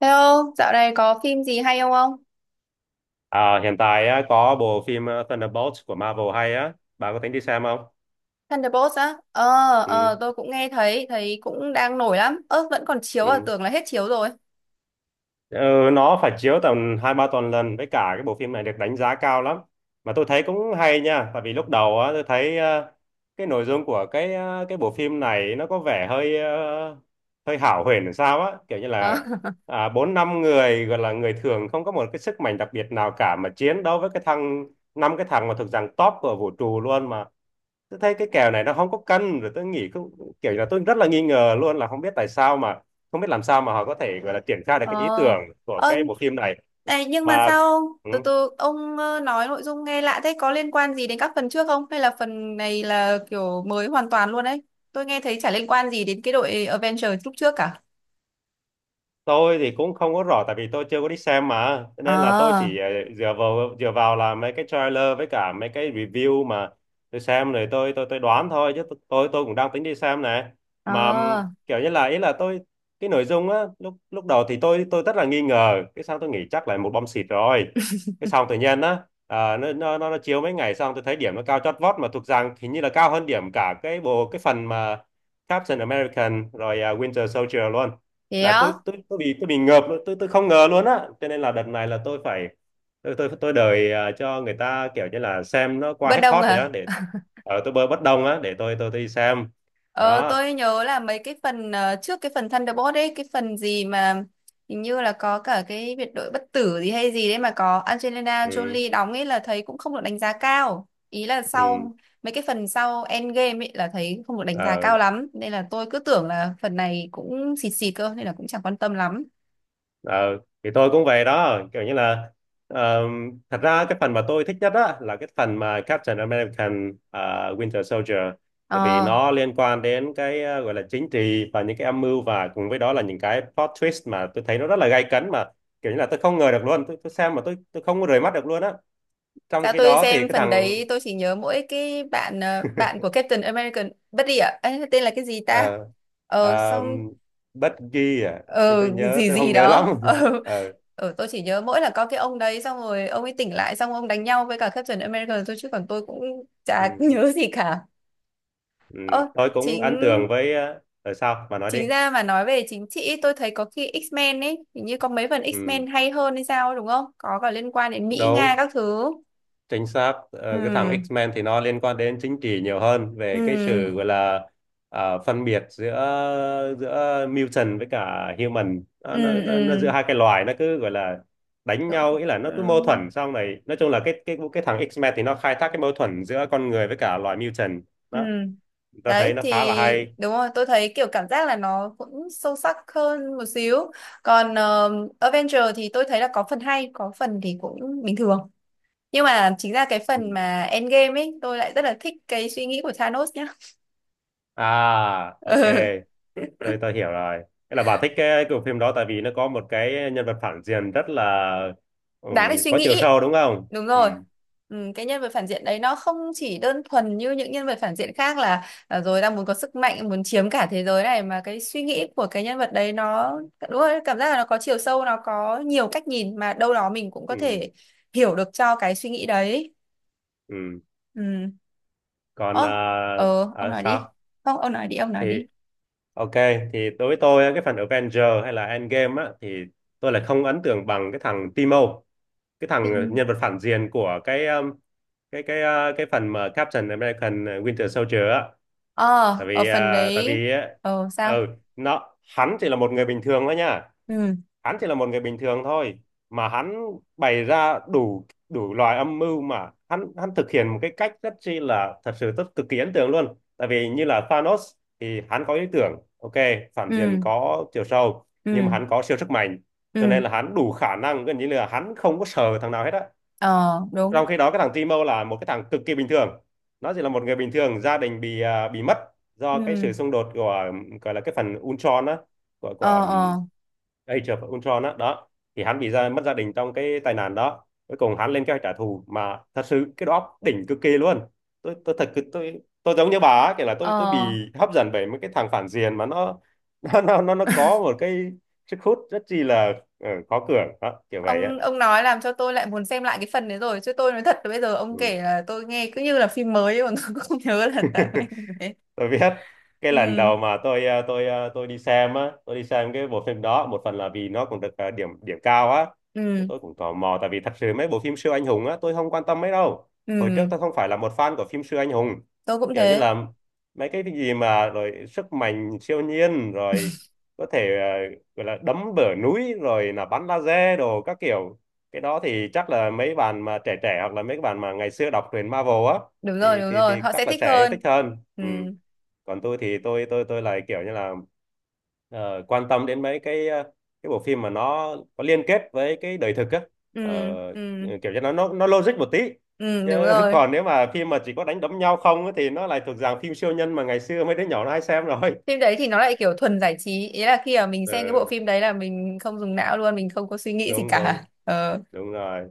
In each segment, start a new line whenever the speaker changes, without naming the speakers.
Thế ông, dạo này có phim gì hay không không?
À, hiện tại á, có bộ phim Thunderbolts của Marvel hay á, bà có tính đi xem không?
Thunderbolts á? Ờ,
Ừ,
tôi cũng nghe thấy cũng đang nổi lắm. Ơ, vẫn còn chiếu à,
ừ.
tưởng là hết chiếu rồi.
Ờ, nó phải chiếu tầm hai ba tuần lần, với cả cái bộ phim này được đánh giá cao lắm mà tôi thấy cũng hay nha. Tại vì lúc đầu á tôi thấy cái nội dung của cái cái bộ phim này nó có vẻ hơi hơi hão huyền làm sao á, kiểu như
Ờ.
là à, bốn năm người gọi là người thường không có một cái sức mạnh đặc biệt nào cả, mà chiến đấu với cái thằng, năm cái thằng mà thuộc dạng top của vũ trụ luôn, mà tôi thấy cái kèo này nó không có cân rồi. Tôi nghĩ cũng kiểu là tôi rất là nghi ngờ luôn, là không biết tại sao mà, không biết làm sao mà họ có thể gọi là triển khai được
Ờ,
cái ý tưởng của
ờ,
cái bộ phim này
này, nhưng mà
mà.
sao ông?
Ừ,
Từ từ, ông nói nội dung nghe lạ thế, có liên quan gì đến các phần trước không? Hay là phần này là kiểu mới hoàn toàn luôn đấy? Tôi nghe thấy chả liên quan gì đến cái đội Avengers lúc trước cả.
tôi thì cũng không có rõ tại vì tôi chưa có đi xem mà, cho
Ờ,
nên là tôi chỉ dựa vào là mấy cái trailer với cả mấy cái review mà tôi xem rồi, tôi đoán thôi chứ tôi cũng đang tính đi xem này.
ờ,
Mà kiểu như là, ý là tôi, cái nội dung á lúc lúc đầu thì tôi rất là nghi ngờ, cái xong tôi nghĩ chắc là một bom xịt rồi, cái xong tự nhiên á, à, nó chiếu mấy ngày xong tôi thấy điểm nó cao chót vót, mà thuộc rằng hình như là cao hơn điểm cả cái bộ, cái phần mà Captain American rồi, Winter Soldier luôn.
thế
Là
á?
tôi bị, tôi bị ngợp luôn, tôi không ngờ luôn á, cho nên là đợt này là tôi phải, tôi đợi cho người ta kiểu như là xem nó qua
Bất
hết
đồng
hot rồi á,
à?
để ở tôi bơi bất đồng á, để tôi đi xem.
Ờ,
Đó.
tôi nhớ là mấy cái phần trước cái phần Thunderbolt ấy, cái phần gì mà hình như là có cả cái biệt đội bất tử gì hay gì đấy mà có Angelina
Ừ,
Jolie đóng ấy là thấy cũng không được đánh giá cao. Ý là
ừ.
sau mấy cái phần sau Endgame ấy là thấy không được đánh giá
Ờ.
cao lắm. Nên là tôi cứ tưởng là phần này cũng xịt xịt cơ nên là cũng chẳng quan tâm lắm.
Ờ, thì tôi cũng về đó, kiểu như là ờ, thật ra cái phần mà tôi thích nhất á là cái phần mà Captain American Winter Soldier, tại vì
Ờ,
nó liên quan đến cái gọi là chính trị, và những cái âm mưu, và cùng với đó là những cái plot twist mà tôi thấy nó rất là gay cấn, mà kiểu như là tôi không ngờ được luôn. Tôi xem mà tôi không có rời mắt được luôn á, trong
sao
khi
tôi
đó thì
xem
cái
phần
thằng
đấy tôi chỉ nhớ mỗi cái bạn bạn của Captain American bất đi ạ. Ê, tên là cái gì ta?
ờ,
Ờ
ờ,
xong
Bucky à. tôi
ờ
tôi nhớ,
gì
tôi
gì
không nhớ lắm.
đó ờ
Ờ,
ừ, tôi chỉ nhớ mỗi là có cái ông đấy xong rồi ông ấy tỉnh lại xong ông đánh nhau với cả Captain America thôi chứ còn tôi cũng chả
ừ,
nhớ gì cả.
ừ.
Ơ,
Tôi cũng
chính
ấn tượng với sao mà nói đi.
chính ra mà nói về chính trị tôi thấy có khi X-Men ấy hình như có mấy phần
Ừ,
X-Men hay hơn hay sao ấy, đúng không, có cả liên quan đến Mỹ Nga
đúng,
các thứ.
chính xác. Ờ, cái thằng
Ừ,
X-Men thì nó liên quan đến chính trị nhiều hơn, về
ừ,
cái sự gọi là à, phân biệt giữa giữa mutant với cả human. Nó,
ừ,
nó giữa
ừ,
hai cái loài, nó cứ gọi là đánh nhau, ý là nó cứ mâu
ừ,
thuẫn xong này. Nói chung là cái thằng X-Men thì nó khai thác cái mâu thuẫn giữa con người với cả loài mutant.
ừ.
Đó, ta thấy
Đấy
nó
thì
khá là hay.
đúng rồi, tôi thấy kiểu cảm giác là nó cũng sâu sắc hơn một xíu. Còn Avenger thì tôi thấy là có phần hay, có phần thì cũng bình thường. Nhưng mà chính ra cái
Ừ.
phần mà Endgame ấy tôi lại rất là thích cái suy nghĩ của Thanos nhá.
À, ok.
Ừ.
Tôi hiểu rồi. Thế là bà thích cái bộ phim đó tại vì nó có một cái nhân vật phản diện rất là, ừ,
Đáng để suy
có chiều
nghĩ.
sâu, đúng không?
Đúng
Ừ,
rồi. Ừ, cái nhân vật phản diện đấy nó không chỉ đơn thuần như những nhân vật phản diện khác là à, rồi đang muốn có sức mạnh muốn chiếm cả thế giới này, mà cái suy nghĩ của cái nhân vật đấy nó đúng rồi, cảm giác là nó có chiều sâu, nó có nhiều cách nhìn mà đâu đó mình cũng có
ừ,
thể hiểu được cho cái suy nghĩ đấy.
ừ.
Ừ.
Còn
Ơ, ông nói đi,
sao?
không ông nói đi, ông nói
Thì
đi
ok, thì đối với tôi cái phần Avenger hay là Endgame á thì tôi lại không ấn tượng bằng cái thằng Timo, cái thằng
phim.
nhân vật phản diện của cái cái phần mà Captain American Winter Soldier á.
ờ
Tại
Ở
vì
phần
tại
đấy
vì
ờ sao?
ừ, nó, hắn chỉ là một người bình thường thôi nha.
Ừ,
Hắn chỉ là một người bình thường thôi, mà hắn bày ra đủ đủ loại âm mưu, mà hắn hắn thực hiện một cái cách rất chi là, thật sự rất cực kỳ ấn tượng luôn. Tại vì như là Thanos thì hắn có ý tưởng, ok, phản diện
ừ,
có chiều sâu, nhưng mà
ừ,
hắn có siêu sức mạnh, cho
ừ,
nên là hắn đủ khả năng, gần như là hắn không có sợ thằng nào hết á.
ờ, đúng,
Trong khi đó cái thằng Timo là một cái thằng cực kỳ bình thường. Nó chỉ là một người bình thường, gia đình bị, à, bị mất
ừ,
do cái sự xung đột của, gọi là cái phần Ultron á, của
ờ, ờ.
Age of Ultron á đó. Thì hắn bị ra mất gia đình trong cái tai nạn đó, cuối cùng hắn lên kế hoạch trả thù, mà thật sự cái đó đỉnh cực kỳ luôn. Tôi thật, tôi giống như bà á, kiểu là tôi bị
Ờ,
hấp dẫn bởi mấy cái thằng phản diện mà nó nó có một cái sức hút rất chi là khó cưỡng đó, kiểu vậy á.
ông nói làm cho tôi lại muốn xem lại cái phần đấy rồi, chứ tôi nói thật là bây giờ ông
Ừ.
kể là tôi nghe cứ như là phim mới ấy, còn tôi cũng không nhớ là tại cái thế.
Tôi biết. Cái lần
Ừ,
đầu mà tôi tôi tôi đi xem á, tôi đi xem cái bộ phim đó một phần là vì nó cũng được điểm điểm cao á. Thế
ừ,
tôi cũng tò mò, tại vì thật sự mấy bộ phim siêu anh hùng á tôi không quan tâm mấy đâu. Hồi trước
ừ,
tôi không phải là một fan của phim siêu anh hùng.
tôi cũng
Kiểu như
thế.
là mấy cái gì mà rồi sức mạnh siêu nhiên rồi, có thể gọi là đấm bờ núi rồi là bắn laser đồ các kiểu. Cái đó thì chắc là mấy bạn mà trẻ trẻ, hoặc là mấy bạn mà ngày xưa đọc truyện Marvel á, thì
Đúng
thì
rồi,
thì
họ
chắc
sẽ
là
thích
sẽ yêu thích
hơn.
hơn.
Ừ,
Ừ, còn tôi thì tôi lại kiểu như là quan tâm đến mấy cái cái bộ phim mà nó có liên kết với cái đời thực á.
ừ,
Ờ,
ừ,
kiểu như nó logic một tí
ừ,
chứ,
đúng rồi.
còn nếu mà phim mà chỉ có đánh đấm nhau không á, thì nó lại thuộc dạng phim siêu nhân mà ngày xưa mấy đứa nhỏ nó hay xem rồi.
Phim đấy thì nó lại kiểu thuần giải trí, ý là khi mà mình xem cái bộ
Ừ,
phim đấy là mình không dùng não luôn, mình không có suy nghĩ gì
đúng,
cả.
đúng,
Ờ,
đúng rồi.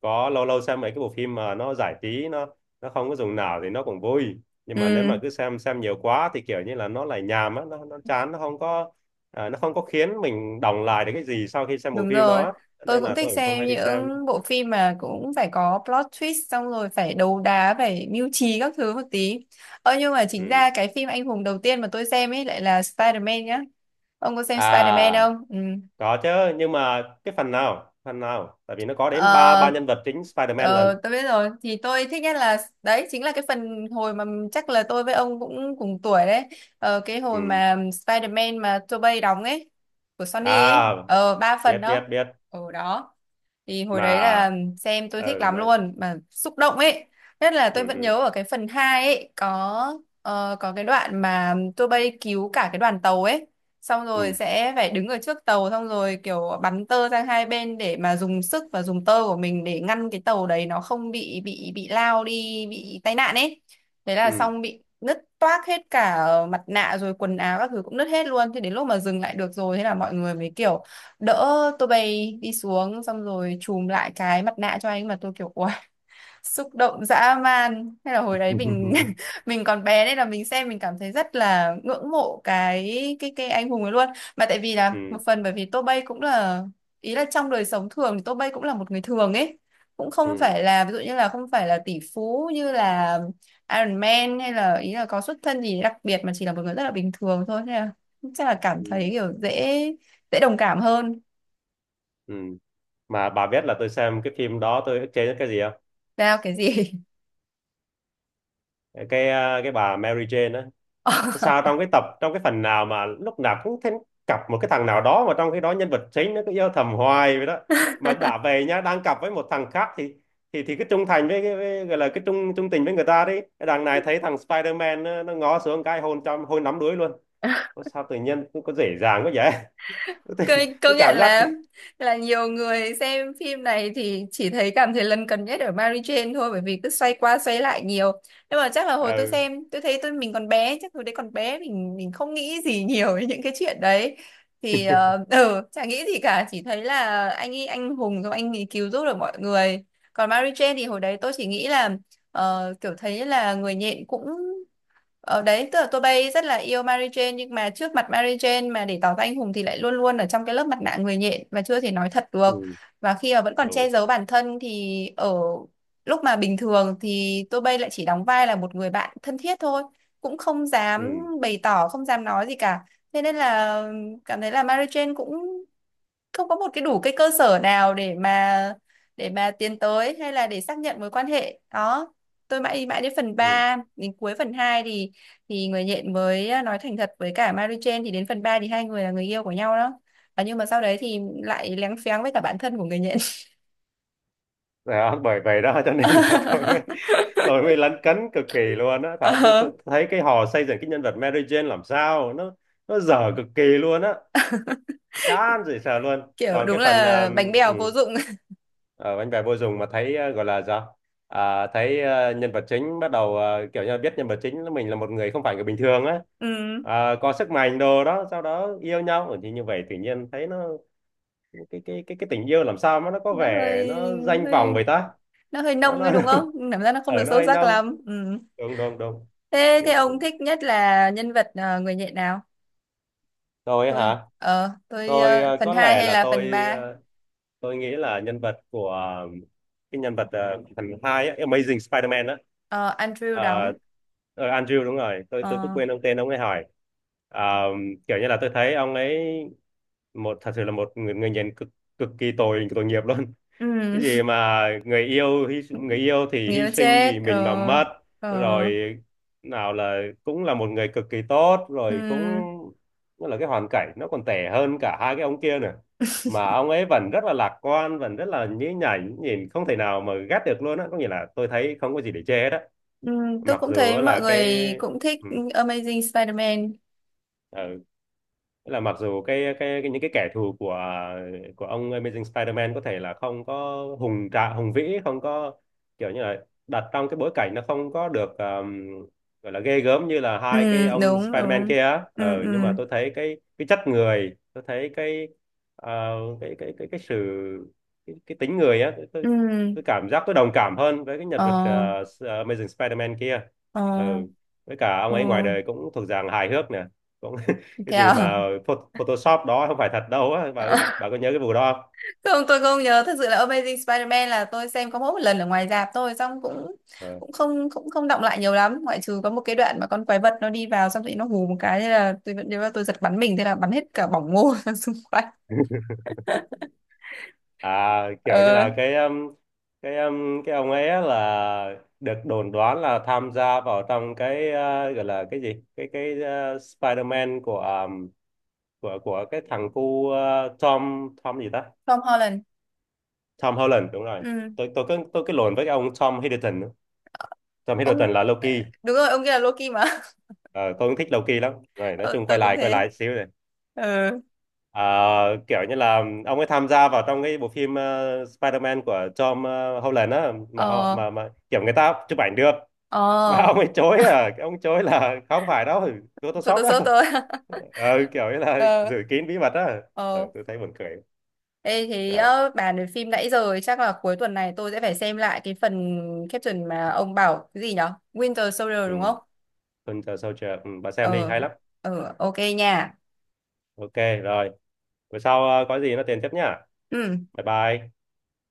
Có lâu lâu xem mấy cái bộ phim mà nó giải trí, nó không có dùng não thì nó cũng vui, nhưng mà nếu
ừ.
mà cứ xem nhiều quá thì kiểu như là nó lại nhàm á, nó, chán nó không có à, nó không có khiến mình đọng lại được cái gì sau khi xem bộ
Đúng
phim
rồi,
đó,
tôi
nên
cũng
là tôi
thích
cũng không
xem
hay đi xem.
những bộ phim mà cũng phải có plot twist xong rồi phải đấu đá, phải mưu trí các thứ một tí. Ơ nhưng mà chính
Ừ.
ra cái phim anh hùng đầu tiên mà tôi xem ấy lại là Spider-Man nhá. Ông có xem Spider-Man
À,
không? Ừ.
có chứ. Nhưng mà cái phần nào, phần nào? Tại vì nó có đến ba ba
Ờ,
nhân vật chính Spider-Man lần.
tôi biết rồi, thì tôi thích nhất là đấy chính là cái phần hồi mà chắc là tôi với ông cũng cùng tuổi đấy. Ờ, cái hồi
Ừ.
mà Spider-Man mà Tobey đóng ấy, của Sony ấy,
À,
ờ ba phần
biết, biết,
đó.
biết
Ở đó thì hồi
mà.
đấy là xem tôi thích
Ừ,
lắm
nói,
luôn mà xúc động ấy, nhất là tôi
ừ,
vẫn
ừ,
nhớ ở cái phần 2 ấy có có cái đoạn mà tôi bay cứu cả cái đoàn tàu ấy, xong rồi
ừ,
sẽ phải đứng ở trước tàu xong rồi kiểu bắn tơ sang hai bên để mà dùng sức và dùng tơ của mình để ngăn cái tàu đấy nó không bị lao đi, bị tai nạn ấy. Đấy là
ừ.
xong bị nứt toác hết cả mặt nạ rồi quần áo các thứ cũng nứt hết luôn, thế đến lúc mà dừng lại được rồi thế là mọi người mới kiểu đỡ tôi bay đi xuống xong rồi chùm lại cái mặt nạ cho anh mà tôi kiểu "Uầy", xúc động dã man, hay là hồi đấy mình mình còn bé nên là mình xem mình cảm thấy rất là ngưỡng mộ cái anh hùng ấy luôn. Mà tại vì là một
Ừ,
phần bởi vì Tô Bay cũng là ý là trong đời sống thường thì Tô Bay cũng là một người thường ấy, cũng không
ừ,
phải là ví dụ như là không phải là tỷ phú như là Iron Man, hay là ý là có xuất thân gì đặc biệt, mà chỉ là một người rất là bình thường thôi, nên là chắc là cảm thấy
ừ,
kiểu dễ dễ đồng cảm hơn.
ừ. Mà bà biết là tôi xem cái phim đó tôi ức chế nhất cái gì không?
Sao cái gì?
Cái à, cái bà Mary Jane á.
Ờ.
Sao trong cái tập, trong cái phần nào mà lúc nào cũng thấy cặp một cái thằng nào đó, mà trong cái đó nhân vật chính nó cứ yêu thầm hoài vậy đó? Mà đã về nhá, đang cặp với một thằng khác thì, thì cái trung thành với, cái với gọi là cái trung trung tình với người ta đi, cái đằng này thấy thằng Spider-Man nó, ngó xuống cái hôn trong hôn nắm đuối luôn. Ủa sao tự nhiên có dễ dàng quá vậy? tôi,
Công
tôi
công nhận
cảm giác.
là nhiều người xem phim này thì chỉ thấy cảm thấy lấn cấn nhất ở Mary Jane thôi, bởi vì cứ xoay qua xoay lại nhiều. Nhưng mà chắc là hồi tôi
Ừ,
xem, tôi thấy mình còn bé, chắc hồi đấy còn bé mình không nghĩ gì nhiều về những cái chuyện đấy. Thì ờ ừ, chả nghĩ gì cả, chỉ thấy là anh ấy anh hùng rồi anh ấy cứu giúp được mọi người. Còn Mary Jane thì hồi đấy tôi chỉ nghĩ là kiểu thấy là người nhện cũng Ờ đấy, tức là tôi bay rất là yêu Mary Jane nhưng mà trước mặt Mary Jane mà để tỏ ra anh hùng thì lại luôn luôn ở trong cái lớp mặt nạ người nhện và chưa thể nói thật được.
ừ.
Và khi mà vẫn còn
Đúng.
che giấu bản thân thì ở lúc mà bình thường thì tôi bay lại chỉ đóng vai là một người bạn thân thiết thôi, cũng không dám
Ừ.
bày tỏ, không dám nói gì cả. Thế nên là cảm thấy là Mary Jane cũng không có một cái đủ cái cơ sở nào để mà tiến tới hay là để xác nhận mối quan hệ đó. Tôi mãi mãi đến phần
Ừ.
ba đến cuối phần 2 thì người nhện mới à, nói thành thật với cả Mary Jane, thì đến phần 3 thì hai người là người yêu của nhau đó. À, nhưng mà sau đấy thì lại léng phéng với cả bản thân của người nhện.
Đó, bởi vậy đó cho nên là tôi mới lấn cấn cực kỳ luôn á. Thảo
Ờ,
tôi thấy cái họ xây dựng cái nhân vật Mary Jane làm sao, nó dở cực kỳ luôn á, chán dễ sợ luôn.
kiểu
Còn
đúng
cái phần
là bánh bèo vô dụng.
ở bánh bè vô dụng, mà thấy gọi là sao, à, thấy nhân vật chính bắt đầu kiểu như là biết nhân vật chính là mình là một người không phải người bình thường á.
Ừ,
À, có sức mạnh đồ đó sau đó yêu nhau. Ừ, thì như vậy tự nhiên thấy nó, cái tình yêu làm sao mà nó có
nó
vẻ
hơi
nó danh vọng
hơi
vậy ta?
nó hơi
nó,
nông
nó
ấy đúng không, cảm giác nó không được
ở nó
sâu
hơi
sắc
nông.
lắm. Ừ.
Đúng, đúng, đúng.
Thế thế
Kiểu.
ông thích nhất là nhân vật người nhện nào?
Tôi ấy hả? Tôi
Phần
có
2
lẽ
hay
là
là phần
tôi
ba?
tôi nghĩ là nhân vật của cái nhân vật phần hai ấy, Amazing Spider-Man á.
Ờ, Andrew
Ờ,
đóng.
Andrew, đúng rồi. Tôi cứ
Ờ,
quên, ông tên ông ấy hỏi. Ờ, kiểu như là tôi thấy ông ấy một thật sự là một người, người nhìn cực, kỳ tội, nghiệp luôn. Cái
ừm,
gì mà người yêu hy, người yêu thì hy
nghĩa
sinh
chết,
vì mình mà
ờ,
mất rồi,
ờ,
nào là cũng là một người cực kỳ tốt rồi cũng,
ừm,
nó là cái hoàn cảnh nó còn tệ hơn cả hai cái ông kia nữa. Mà ông ấy vẫn rất là lạc quan, vẫn rất là nhí nhảnh, nhìn không thể nào mà ghét được luôn á, có nghĩa là tôi thấy không có gì để chê hết á,
tôi
mặc
cũng
dù
thấy
là
mọi
cái,
người cũng thích
ừ,
Amazing Spider-Man.
ừ, nghĩa là mặc dù cái những cái kẻ thù của ông Amazing Spider-Man có thể là không có hùng vĩ, không có kiểu như là đặt trong cái bối cảnh nó không có được gọi là ghê gớm như là hai cái ông
Đúng
Spider-Man
đúng.
kia á.
Ừm,
Ờ, nhưng mà
ừm,
tôi thấy cái chất người, tôi thấy cái ờ, cái sự, cái tính người á. Tôi,
ừm,
tôi cảm giác tôi đồng cảm hơn với cái nhân vật
ờ,
Amazing Spider-Man kia.
ờ,
Ờ, với cả ông
ờ,
ấy ngoài đời cũng thuộc dạng hài hước nè, cũng cái
thế
gì mà
à?
Photoshop đó, không phải thật đâu á bà. Bà có nhớ cái vụ đó không?
Không, tôi không nhớ, thật sự là Amazing Spider-Man là tôi xem có mỗi một lần ở ngoài rạp thôi, xong cũng
Ờ.
cũng không động lại nhiều lắm, ngoại trừ có một cái đoạn mà con quái vật nó đi vào xong rồi nó hù một cái, thế là tôi vẫn nhớ là tôi giật bắn mình, thế là bắn hết cả bỏng ngô ra xung quanh.
À, kiểu như
Ờ,
là cái ông ấy á là được đồn đoán là tham gia vào trong cái gọi là cái gì, cái Spider-Man của của cái thằng cu Tom, Tom gì ta?
Tom Holland.
Tom Holland, đúng rồi.
Ừ.
Tôi cứ, tôi cứ lộn với cái ông Tom Hiddleston nữa. Tom
ông
Hiddleston là Loki.
ờ, đúng rồi ông kia là Loki mà.
Ờ, tôi cũng thích Loki lắm rồi, nói
Ờ,
chung
tôi
quay
cũng
lại,
thế.
xíu
Ờ,
Ờ, kiểu như là ông ấy tham gia vào trong cái bộ phim Spider-Man của Tom Holland á, mà
ờ,
kiểu người ta chụp ảnh được, mà
ờ,
ông ấy chối, à, ông chối là không phải đâu, Photoshop đó.
Photoshop tôi.
Ờ, kiểu như là
Ờ,
giữ kín bí mật á. Ờ,
ờ.
tôi thấy buồn cười.
Ê, thế
À,
ờ, bàn về phim nãy giờ ấy, chắc là cuối tuần này tôi sẽ phải xem lại cái phần caption mà ông bảo cái gì nhở, Winter Soldier
ừ.
đúng không?
Winter Soldier, ừ, bà xem đi,
Ờ,
hay lắm.
ok nha.
Ok, rồi, bữa sau có gì nó tiền tiếp nhá.
Ừ.
Bye bye.